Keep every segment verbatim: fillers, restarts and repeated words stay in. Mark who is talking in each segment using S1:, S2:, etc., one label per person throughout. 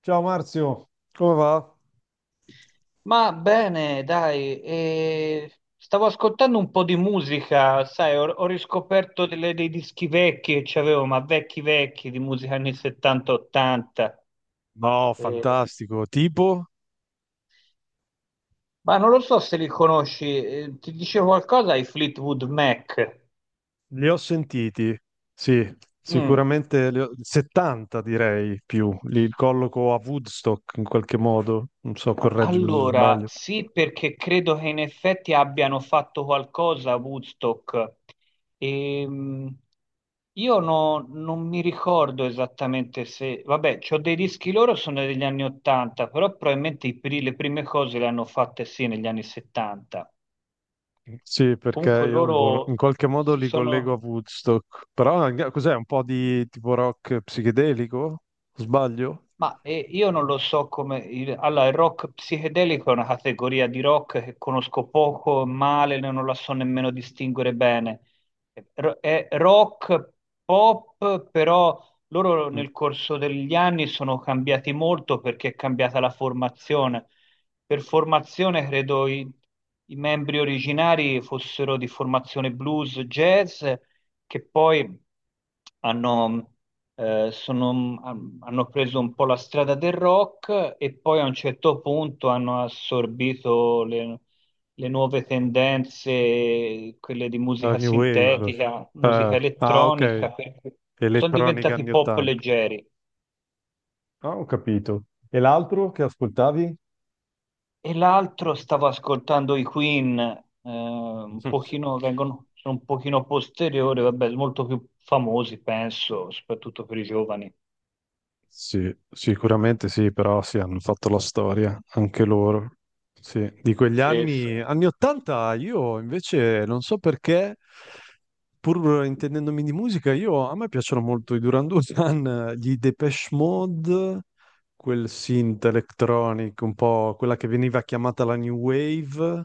S1: Ciao Marzio, come va?
S2: Ma bene, dai, eh, stavo ascoltando un po' di musica, sai, ho, ho riscoperto delle- dei dischi vecchi che c'avevo, ma vecchi vecchi, di musica anni settanta ottanta.
S1: No,
S2: eh,
S1: fantastico. Tipo,
S2: ma non lo so se li conosci, eh, ti dice qualcosa ai Fleetwood Mac?
S1: li ho sentiti. Sì,
S2: Mm.
S1: sicuramente li ho- settanta direi più. Li colloco a Woodstock in qualche modo. Non so, correggimi se
S2: Allora,
S1: sbaglio.
S2: sì, perché credo che in effetti abbiano fatto qualcosa a Woodstock. Ehm, io no- non mi ricordo esattamente se... Vabbè, c'ho dei dischi loro, sono degli anni ottanta, però probabilmente i pri- le prime cose le hanno fatte sì negli anni settanta.
S1: Sì, perché
S2: Comunque sì.
S1: io boh, no, in
S2: Loro
S1: qualche modo
S2: si
S1: li collego a
S2: sono...
S1: Woodstock. Però anche- cos'è? Un po' di tipo rock psichedelico? Sbaglio?
S2: Ma eh, io non lo so come... il- Allora, il rock psichedelico è una categoria di rock che conosco poco, male, non la so nemmeno distinguere bene. Ro- È rock pop, però loro
S1: Mm.
S2: nel corso degli anni sono cambiati molto perché è cambiata la formazione. Per formazione credo i, i membri originari fossero di formazione blues, jazz che poi hanno, eh, sono- han- hanno preso un po' la strada del rock e poi a un certo punto hanno assorbito le, le nuove tendenze, quelle di
S1: Eh,
S2: musica
S1: New Wave.
S2: sintetica,
S1: Eh,
S2: musica
S1: ah, ok.
S2: elettronica, per cui sono
S1: Elettronica
S2: diventati
S1: anni
S2: pop
S1: ottanta.
S2: leggeri.
S1: Ah, ho capito. E l'altro che ascoltavi?
S2: E l'altro stavo ascoltando i Queen, eh, un pochino, vengono, sono un pochino posteriori, vabbè, molto più famosi, penso, soprattutto per i giovani.
S1: Sì, sicuramente sì, però sì, hanno fatto la storia, anche loro. Sì, di quegli
S2: Sì, sì.
S1: anni, anni ottanta, io invece non so perché, pur intendendomi di musica, io, a me piacciono molto i Duran Duran, gli Depeche Mode, quel synth electronic, un po' quella che veniva chiamata la New Wave.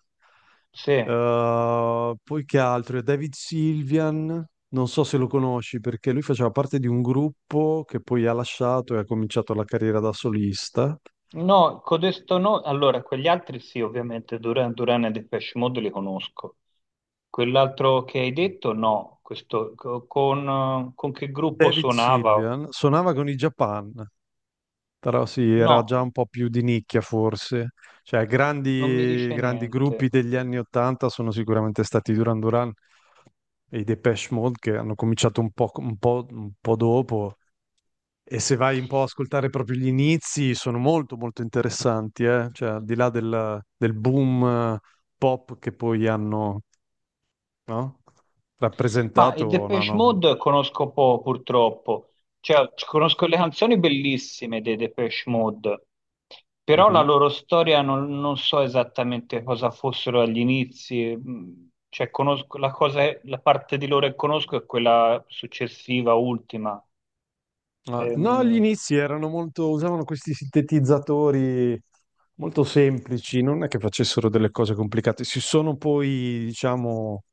S2: Sì,
S1: Uh, poi che altro? David Sylvian, non so se lo conosci perché lui faceva parte di un gruppo che poi ha lasciato e ha cominciato la carriera da solista.
S2: no, codesto no, allora quegli altri sì, ovviamente Duran Duran e Depeche Mode li conosco. Quell'altro che hai detto no, questo co- con, eh, con che gruppo
S1: David
S2: suonava?
S1: Sylvian suonava con i Japan, però sì, era
S2: No,
S1: già un po' più di nicchia forse. Cioè,
S2: non mi
S1: grandi,
S2: dice
S1: grandi gruppi
S2: niente.
S1: degli anni ottanta sono sicuramente stati i Duran Duran, e i Depeche Mode che hanno cominciato un po', un po', un po' dopo. E se vai un po' a ascoltare proprio gli inizi, sono molto molto interessanti, eh? Cioè, al di là del, del boom eh, pop che poi hanno, no,
S2: Ma i
S1: rappresentato, no,
S2: Depeche
S1: no.
S2: Mode conosco poco, purtroppo. Cioè, c- conosco le canzoni bellissime dei Depeche Mode, però la
S1: Mhm.
S2: loro storia non, non so esattamente cosa fossero agli inizi. Mm. Cioè, conosco la cosa, la parte di loro che conosco è quella successiva, ultima.
S1: Ah, no, gli
S2: Ehm,
S1: inizi erano molto, usavano questi sintetizzatori molto semplici, non è che facessero delle cose complicate. Si sono poi, diciamo,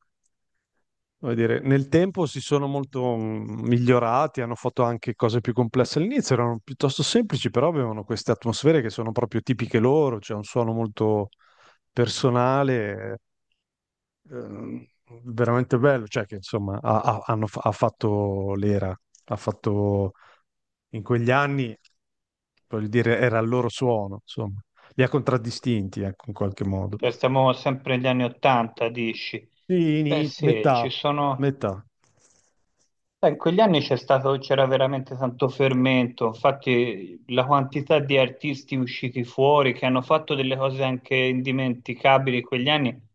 S1: come dire, nel tempo si sono molto mm, migliorati, hanno fatto anche cose più complesse. All'inizio erano piuttosto semplici, però avevano queste atmosfere che sono proprio tipiche loro, c'è un suono molto personale, ehm, veramente bello, cioè che insomma ha, ha- hanno fa- ha fatto l'era, ha fatto in quegli anni, voglio dire, era il loro suono, insomma, li ha contraddistinti, ecco, in qualche modo.
S2: cioè, stiamo sempre negli anni Ottanta, dici?
S1: Sì,
S2: Beh,
S1: ini-
S2: sì,
S1: metà,
S2: ci sono.
S1: metà. Mm.
S2: Beh, in quegli anni c'è stato- c'era veramente tanto fermento, infatti la quantità di artisti usciti fuori che hanno fatto delle cose anche indimenticabili in quegli anni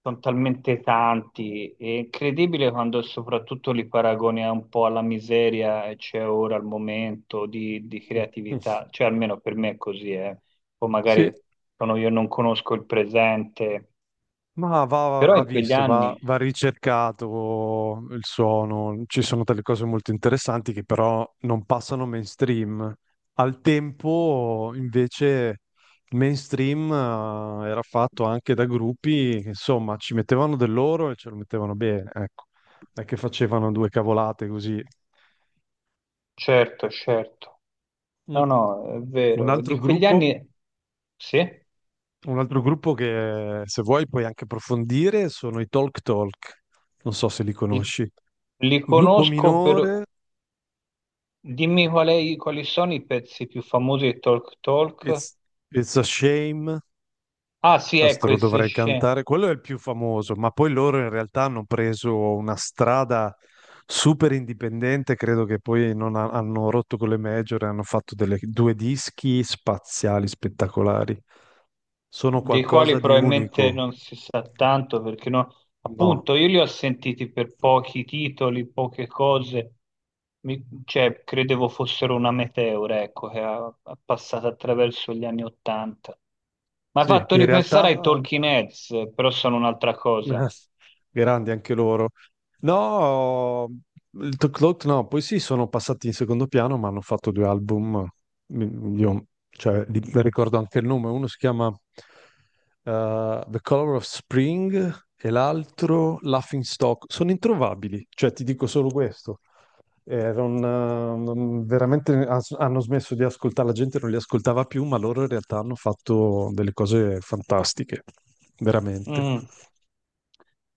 S2: sono talmente tanti, è incredibile quando soprattutto li paragoni a un po' alla miseria che c'è ora al momento di, di creatività, cioè almeno per me è così, eh. O
S1: Sì.
S2: magari sono io non conosco il presente,
S1: Ma va,
S2: però
S1: va
S2: in quegli
S1: visto, va,
S2: anni,
S1: va ricercato il suono, ci sono delle cose molto interessanti che però non passano mainstream. Al tempo invece il mainstream eh, era fatto anche da gruppi che insomma ci mettevano del loro e ce lo mettevano bene, ecco, non è che facevano due cavolate così.
S2: certo, certo.
S1: Mm.
S2: No, no, è
S1: Un
S2: vero. Di
S1: altro
S2: quegli
S1: gruppo
S2: anni, sì,
S1: Un altro gruppo che se vuoi puoi anche approfondire sono i Talk Talk, non so se li
S2: li,
S1: conosci.
S2: li
S1: Gruppo
S2: conosco per...
S1: minore,
S2: Dimmi qual è- quali sono i pezzi più famosi di Talk Talk.
S1: It's, It's a Shame,
S2: Ah, sì,
S1: questo
S2: ecco,
S1: lo
S2: il
S1: dovrei
S2: Secession.
S1: cantare, quello è il più famoso, ma poi loro in realtà hanno preso una strada super indipendente, credo che poi non ha- hanno rotto con le major e hanno fatto delle- due dischi spaziali, spettacolari. Sono
S2: Dei quali
S1: qualcosa di
S2: probabilmente
S1: unico.
S2: non si sa tanto perché no,
S1: No,
S2: appunto io li ho sentiti per pochi titoli, poche cose. Mi- cioè credevo fossero una meteora, ecco, che è passata attraverso gli anni Ottanta. Mi ha
S1: sì,
S2: fatto
S1: in
S2: ripensare ai
S1: realtà
S2: Talking Heads, eh, però sono un'altra cosa.
S1: Ah, grandi anche loro. No, il Tok Tok no, poi sì, sono passati in secondo piano, ma hanno fatto due album. Mm, Io, cioè, li- mi ricordo anche il nome. Uno si chiama eh, The Color of Spring e l'altro Laughing Stock. Sono introvabili, cioè ti dico solo questo. Eh, non, eh, non- veramente as- hanno smesso di ascoltare, la gente non li ascoltava più, ma loro in realtà hanno fatto delle cose fantastiche, veramente.
S2: Mm,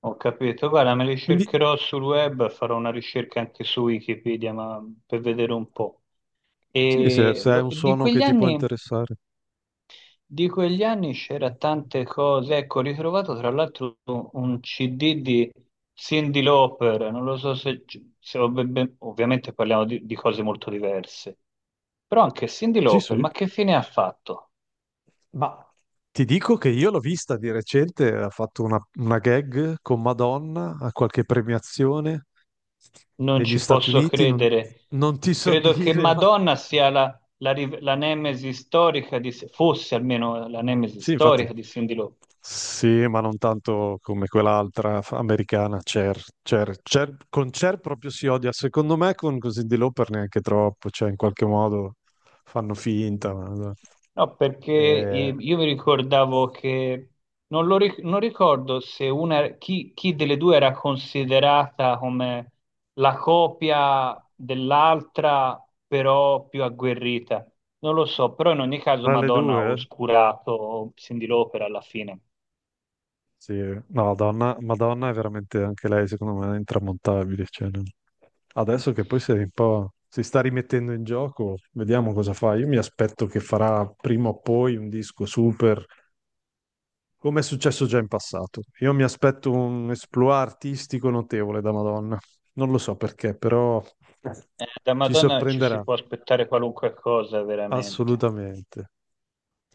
S2: ho capito, guarda, me li
S1: Quindi.
S2: cercherò sul web, farò una ricerca anche su Wikipedia, ma per vedere un po'.
S1: Sì, se,
S2: E
S1: se è
S2: lo-
S1: un
S2: di
S1: suono
S2: quegli
S1: che ti può
S2: anni.
S1: interessare.
S2: Di quegli anni c'era tante cose, ecco, ho ritrovato tra l'altro un C D di Cyndi Lauper, non lo so se, se ho ben- ben- ovviamente parliamo di, di cose molto diverse, però anche Cyndi
S1: Sì,
S2: Lauper,
S1: sì.
S2: ma che fine ha fatto?
S1: Ma ti dico che io l'ho vista di recente, ha fatto una, una gag con Madonna a qualche premiazione
S2: Non
S1: negli
S2: ci
S1: Stati
S2: posso
S1: Uniti, non,
S2: credere.
S1: non ti so
S2: Credo che
S1: dire, ma.
S2: Madonna sia la, la, riv- la nemesi storica di, fosse almeno la nemesi
S1: Sì, infatti.
S2: storica di Cyndi Lauper.
S1: Sì, ma non tanto come quell'altra f- americana, Cher. Cher, Cher- Con Cher proprio si odia. Secondo me con così di Lauper neanche troppo, cioè in qualche modo fanno finta. Ma- no.
S2: No, perché
S1: Eh,
S2: eh, io mi ricordavo che non, lo ric- non ricordo se una, chi, chi delle due era considerata come la copia dell'altra, però più agguerrita. Non lo so, però in ogni caso
S1: tra le
S2: Madonna ha
S1: due? Eh?
S2: oscurato Cyndi Lauper alla fine.
S1: Sì, no, Donna, Madonna è veramente anche lei, secondo me, intramontabile. Cioè, non- Adesso che poi si è un po', si sta rimettendo in gioco, vediamo cosa fa. Io mi aspetto che farà prima o poi un disco super, come è successo già in passato. Io mi aspetto un esploit artistico notevole da Madonna. Non lo so perché, però
S2: Eh, da
S1: ci
S2: Madonna ci si
S1: sorprenderà
S2: può aspettare qualunque cosa, veramente.
S1: assolutamente.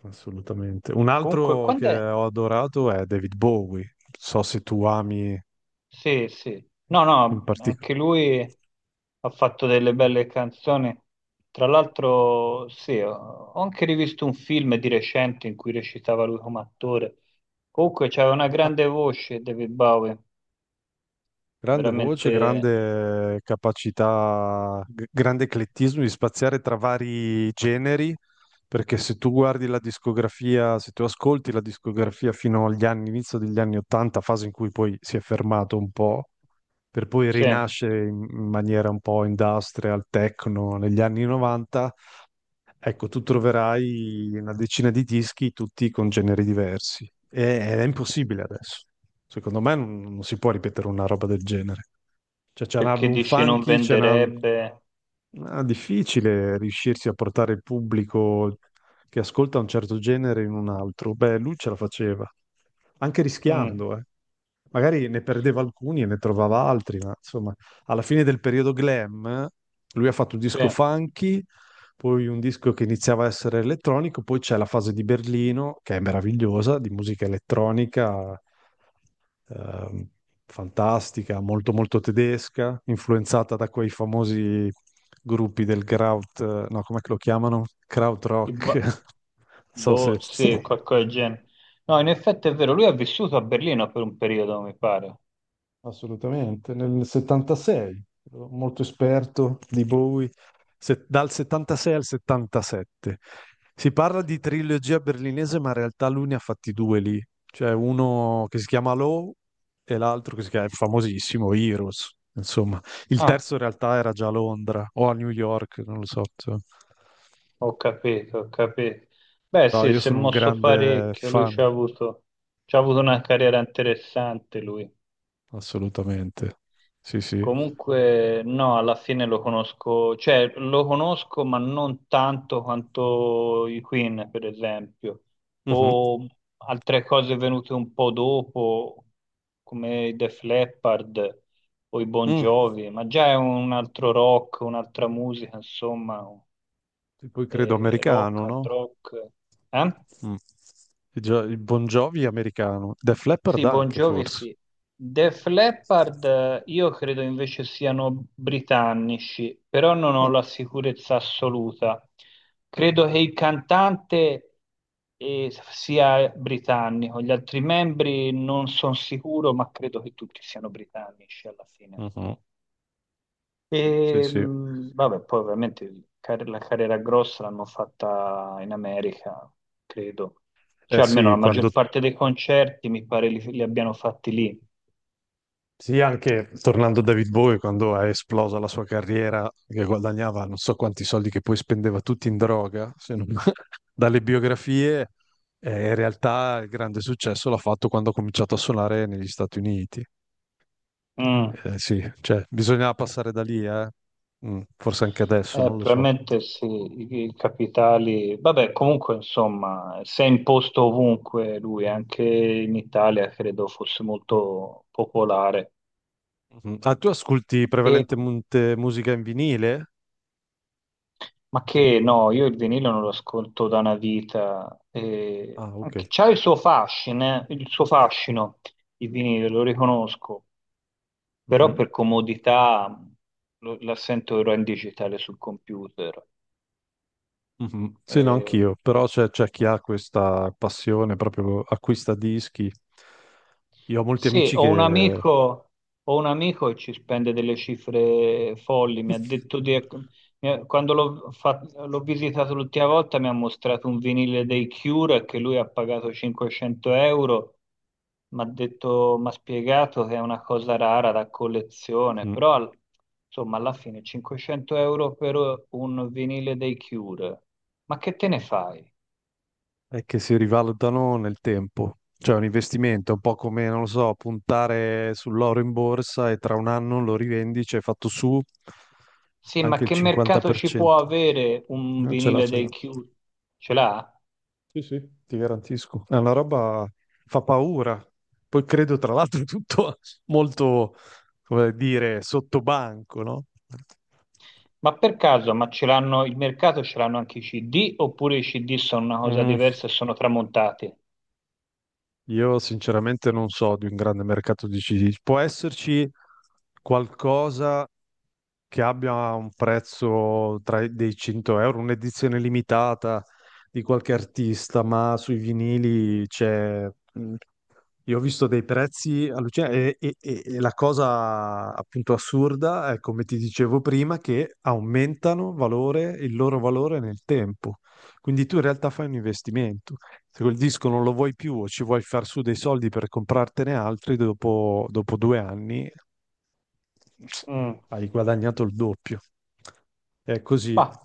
S1: Assolutamente. Un
S2: Comunque,
S1: altro che
S2: quando è?
S1: ho adorato è David Bowie. So se tu ami
S2: Sì, sì. No,
S1: in
S2: no,
S1: particolare.
S2: anche lui ha fatto delle belle canzoni. Tra l'altro, sì, ho ho anche rivisto un film di recente in cui recitava lui come attore. Comunque c'aveva una
S1: Ah,
S2: grande voce David Bowie,
S1: grande voce,
S2: veramente,
S1: grande capacità, g- grande eclettismo di spaziare tra vari generi, perché se tu guardi la discografia, se tu ascolti la discografia fino agli anni, inizio degli anni ottanta, fase in cui poi si è fermato un po', per poi
S2: sì,
S1: rinascere in in maniera un po' industrial, techno negli anni novanta. Ecco, tu troverai una decina di dischi, tutti con generi diversi. E- Ed è impossibile adesso. Secondo me non, non si può ripetere una roba del genere. Cioè, c'è un
S2: perché
S1: album
S2: dici non
S1: funky. c'è una-
S2: venderebbe.
S1: Ah, difficile riuscirsi a portare il pubblico che ascolta un certo genere in un altro. Beh, lui ce la faceva, anche
S2: Mm,
S1: rischiando, eh. Magari ne perdeva alcuni e ne trovava altri, ma insomma, alla fine del periodo glam, eh, lui ha fatto un
S2: sì,
S1: disco
S2: I
S1: funky, poi un disco che iniziava a essere elettronico, poi c'è la fase di Berlino, che è meravigliosa, di musica elettronica ehm, fantastica, molto molto tedesca, influenzata da quei famosi gruppi del Kraut, eh, no, come lo chiamano? Krautrock.
S2: Ba-
S1: Non so
S2: boh,
S1: se.
S2: sì, qualcosa del genere. No, in effetti è vero, lui ha vissuto a Berlino per un periodo, mi pare.
S1: Assolutamente, nel settantasei, ero molto esperto di Bowie, se- dal settantasei al settantasette. Si parla di trilogia berlinese, ma in realtà lui ne ha fatti due lì, cioè uno che si chiama Low e l'altro che si chiama, è famosissimo, Heroes. Insomma, il
S2: Ah,
S1: terzo in realtà era già a Londra o a New York, non lo so. Insomma.
S2: ho capito, ho capito. Beh,
S1: No,
S2: sì,
S1: io
S2: si è
S1: sono un
S2: mosso
S1: grande
S2: parecchio, lui
S1: fan,
S2: ci ha avuto, ci ha avuto una carriera interessante, lui.
S1: assolutamente. Sì, sì.
S2: Comunque, no, alla fine lo conosco, cioè lo conosco, ma non tanto quanto i Queen, per esempio,
S1: Mhm.
S2: o altre cose venute un po' dopo, come i Def Leppard o i Bon
S1: Mm.
S2: Jovi, ma già è un altro rock, un'altra musica, insomma,
S1: E poi credo
S2: eh, rock,
S1: americano,
S2: hard
S1: no?
S2: rock. Eh?
S1: Mm. Il gio- il Bon Jovi americano. Def Leppard
S2: Sì, Bon
S1: anche,
S2: Jovi
S1: forse.
S2: sì. Def Leppard eh, io credo invece siano britannici, però non ho
S1: Ah,
S2: la sicurezza assoluta. Credo che il cantante eh, sia britannico, gli altri membri non sono sicuro, ma credo che tutti siano britannici alla fine.
S1: mhm. Sì,
S2: E
S1: sì.
S2: mh, vabbè, poi ovviamente il car- la carriera grossa l'hanno fatta in America, credo.
S1: Eh
S2: Cioè, almeno
S1: sì,
S2: la
S1: quando.
S2: maggior parte dei concerti mi pare li, li abbiano fatti lì.
S1: Sì, anche tornando a David Bowie, quando è esplosa la sua carriera, che guadagnava non so quanti soldi che poi spendeva tutti in droga, se non- dalle biografie, eh, in realtà il grande successo l'ha fatto quando ha cominciato a suonare negli Stati Uniti.
S2: Mm,
S1: Eh, sì, cioè, bisognava passare da lì, eh. Mm, forse anche adesso,
S2: eh,
S1: non lo so.
S2: premettersi i, i capitali, vabbè, comunque insomma, si è imposto ovunque lui, anche in Italia credo fosse molto popolare.
S1: Mhm. Ah, tu ascolti
S2: E-
S1: prevalentemente musica in vinile?
S2: ma che no, io il vinile non lo ascolto da una vita, e
S1: Ah, ok.
S2: anche- c'ha il suo fascino, il suo fascino, il vinile, lo riconosco, però
S1: Mhm.
S2: per comodità lo, la sento ora in digitale sul computer.
S1: Mhm. Sì, no, anch'io, però c'è c'è chi ha questa passione, proprio acquista dischi. Io ho molti
S2: Sì,
S1: amici
S2: ho
S1: che.
S2: un
S1: Mhm.
S2: amico, ho un amico che ci spende delle cifre folli. Mi ha detto di, ecco, mi ha- quando l'ho fa- l'ho visitato l'ultima volta mi ha mostrato un vinile dei Cure che lui ha pagato cinquecento euro. Mi ha detto, mi ha spiegato che è una cosa rara da collezione, però al- insomma alla fine cinquecento euro per un vinile dei Cure. Ma che te ne fai?
S1: E che si rivalutano nel tempo. Cioè, è un investimento, è un po' come, non lo so, puntare sull'oro in borsa e tra un anno lo rivendi, ci hai fatto su
S2: Sì, ma
S1: anche il
S2: che mercato ci può
S1: cinquanta per cento.
S2: avere un
S1: Eh, Ce l'ha,
S2: vinile
S1: ce l'ha.
S2: dei Cure? Ce l'ha?
S1: Sì, sì, ti garantisco. È una roba fa paura. Poi credo, tra l'altro, tutto molto, come dire, sottobanco, no?
S2: Ma per caso, ma ce l'hanno, il mercato ce l'hanno anche i C D oppure i C D sono una cosa
S1: Mm,
S2: diversa e sono tramontati?
S1: io sinceramente non so di un grande mercato di C D. Può esserci qualcosa che abbia un prezzo tra i dei cento euro, un'edizione limitata di qualche artista, ma sui vinili c'è. mm, Io ho visto dei prezzi allucinanti e, e- e- e la cosa appunto assurda è, come ti dicevo prima, che aumentano valore, il loro valore nel tempo. Quindi tu in realtà fai un investimento. Se quel disco non lo vuoi più o ci vuoi far su dei soldi per comprartene altri, dopo, dopo due anni
S2: Mm.
S1: hai guadagnato il doppio. È così.
S2: Ma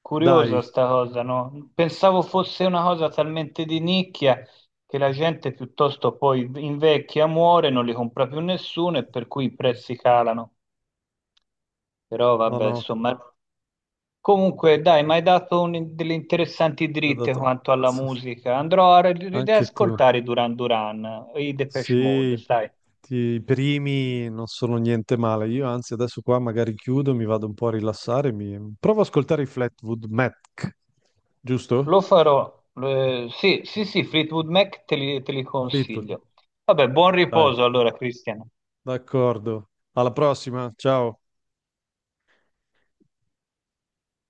S2: curiosa
S1: Dai,
S2: sta cosa, no? Pensavo fosse una cosa talmente di nicchia che la gente piuttosto poi invecchia, muore, non li compra più nessuno e per cui i prezzi calano. Però
S1: no,
S2: vabbè,
S1: no,
S2: insomma. Comunque, dai, mi hai dato un- delle interessanti
S1: ti ho
S2: dritte
S1: dato-
S2: quanto alla
S1: sì, sì.
S2: musica. Andrò a ri-
S1: Anche tu.
S2: riascoltare i Duran Duran, i Depeche Mode,
S1: Sì,
S2: sai.
S1: ti- i primi non sono niente male. Io anzi adesso qua magari chiudo, mi vado un po' a rilassare. Mi... Provo ad ascoltare i Flatwood Mac,
S2: Lo
S1: giusto?
S2: farò. Eh, sì, sì, sì, Fleetwood Mac te li, te li
S1: Fleetwood,
S2: consiglio. Vabbè, buon
S1: dai,
S2: riposo allora, Cristian.
S1: d'accordo. Alla prossima, ciao.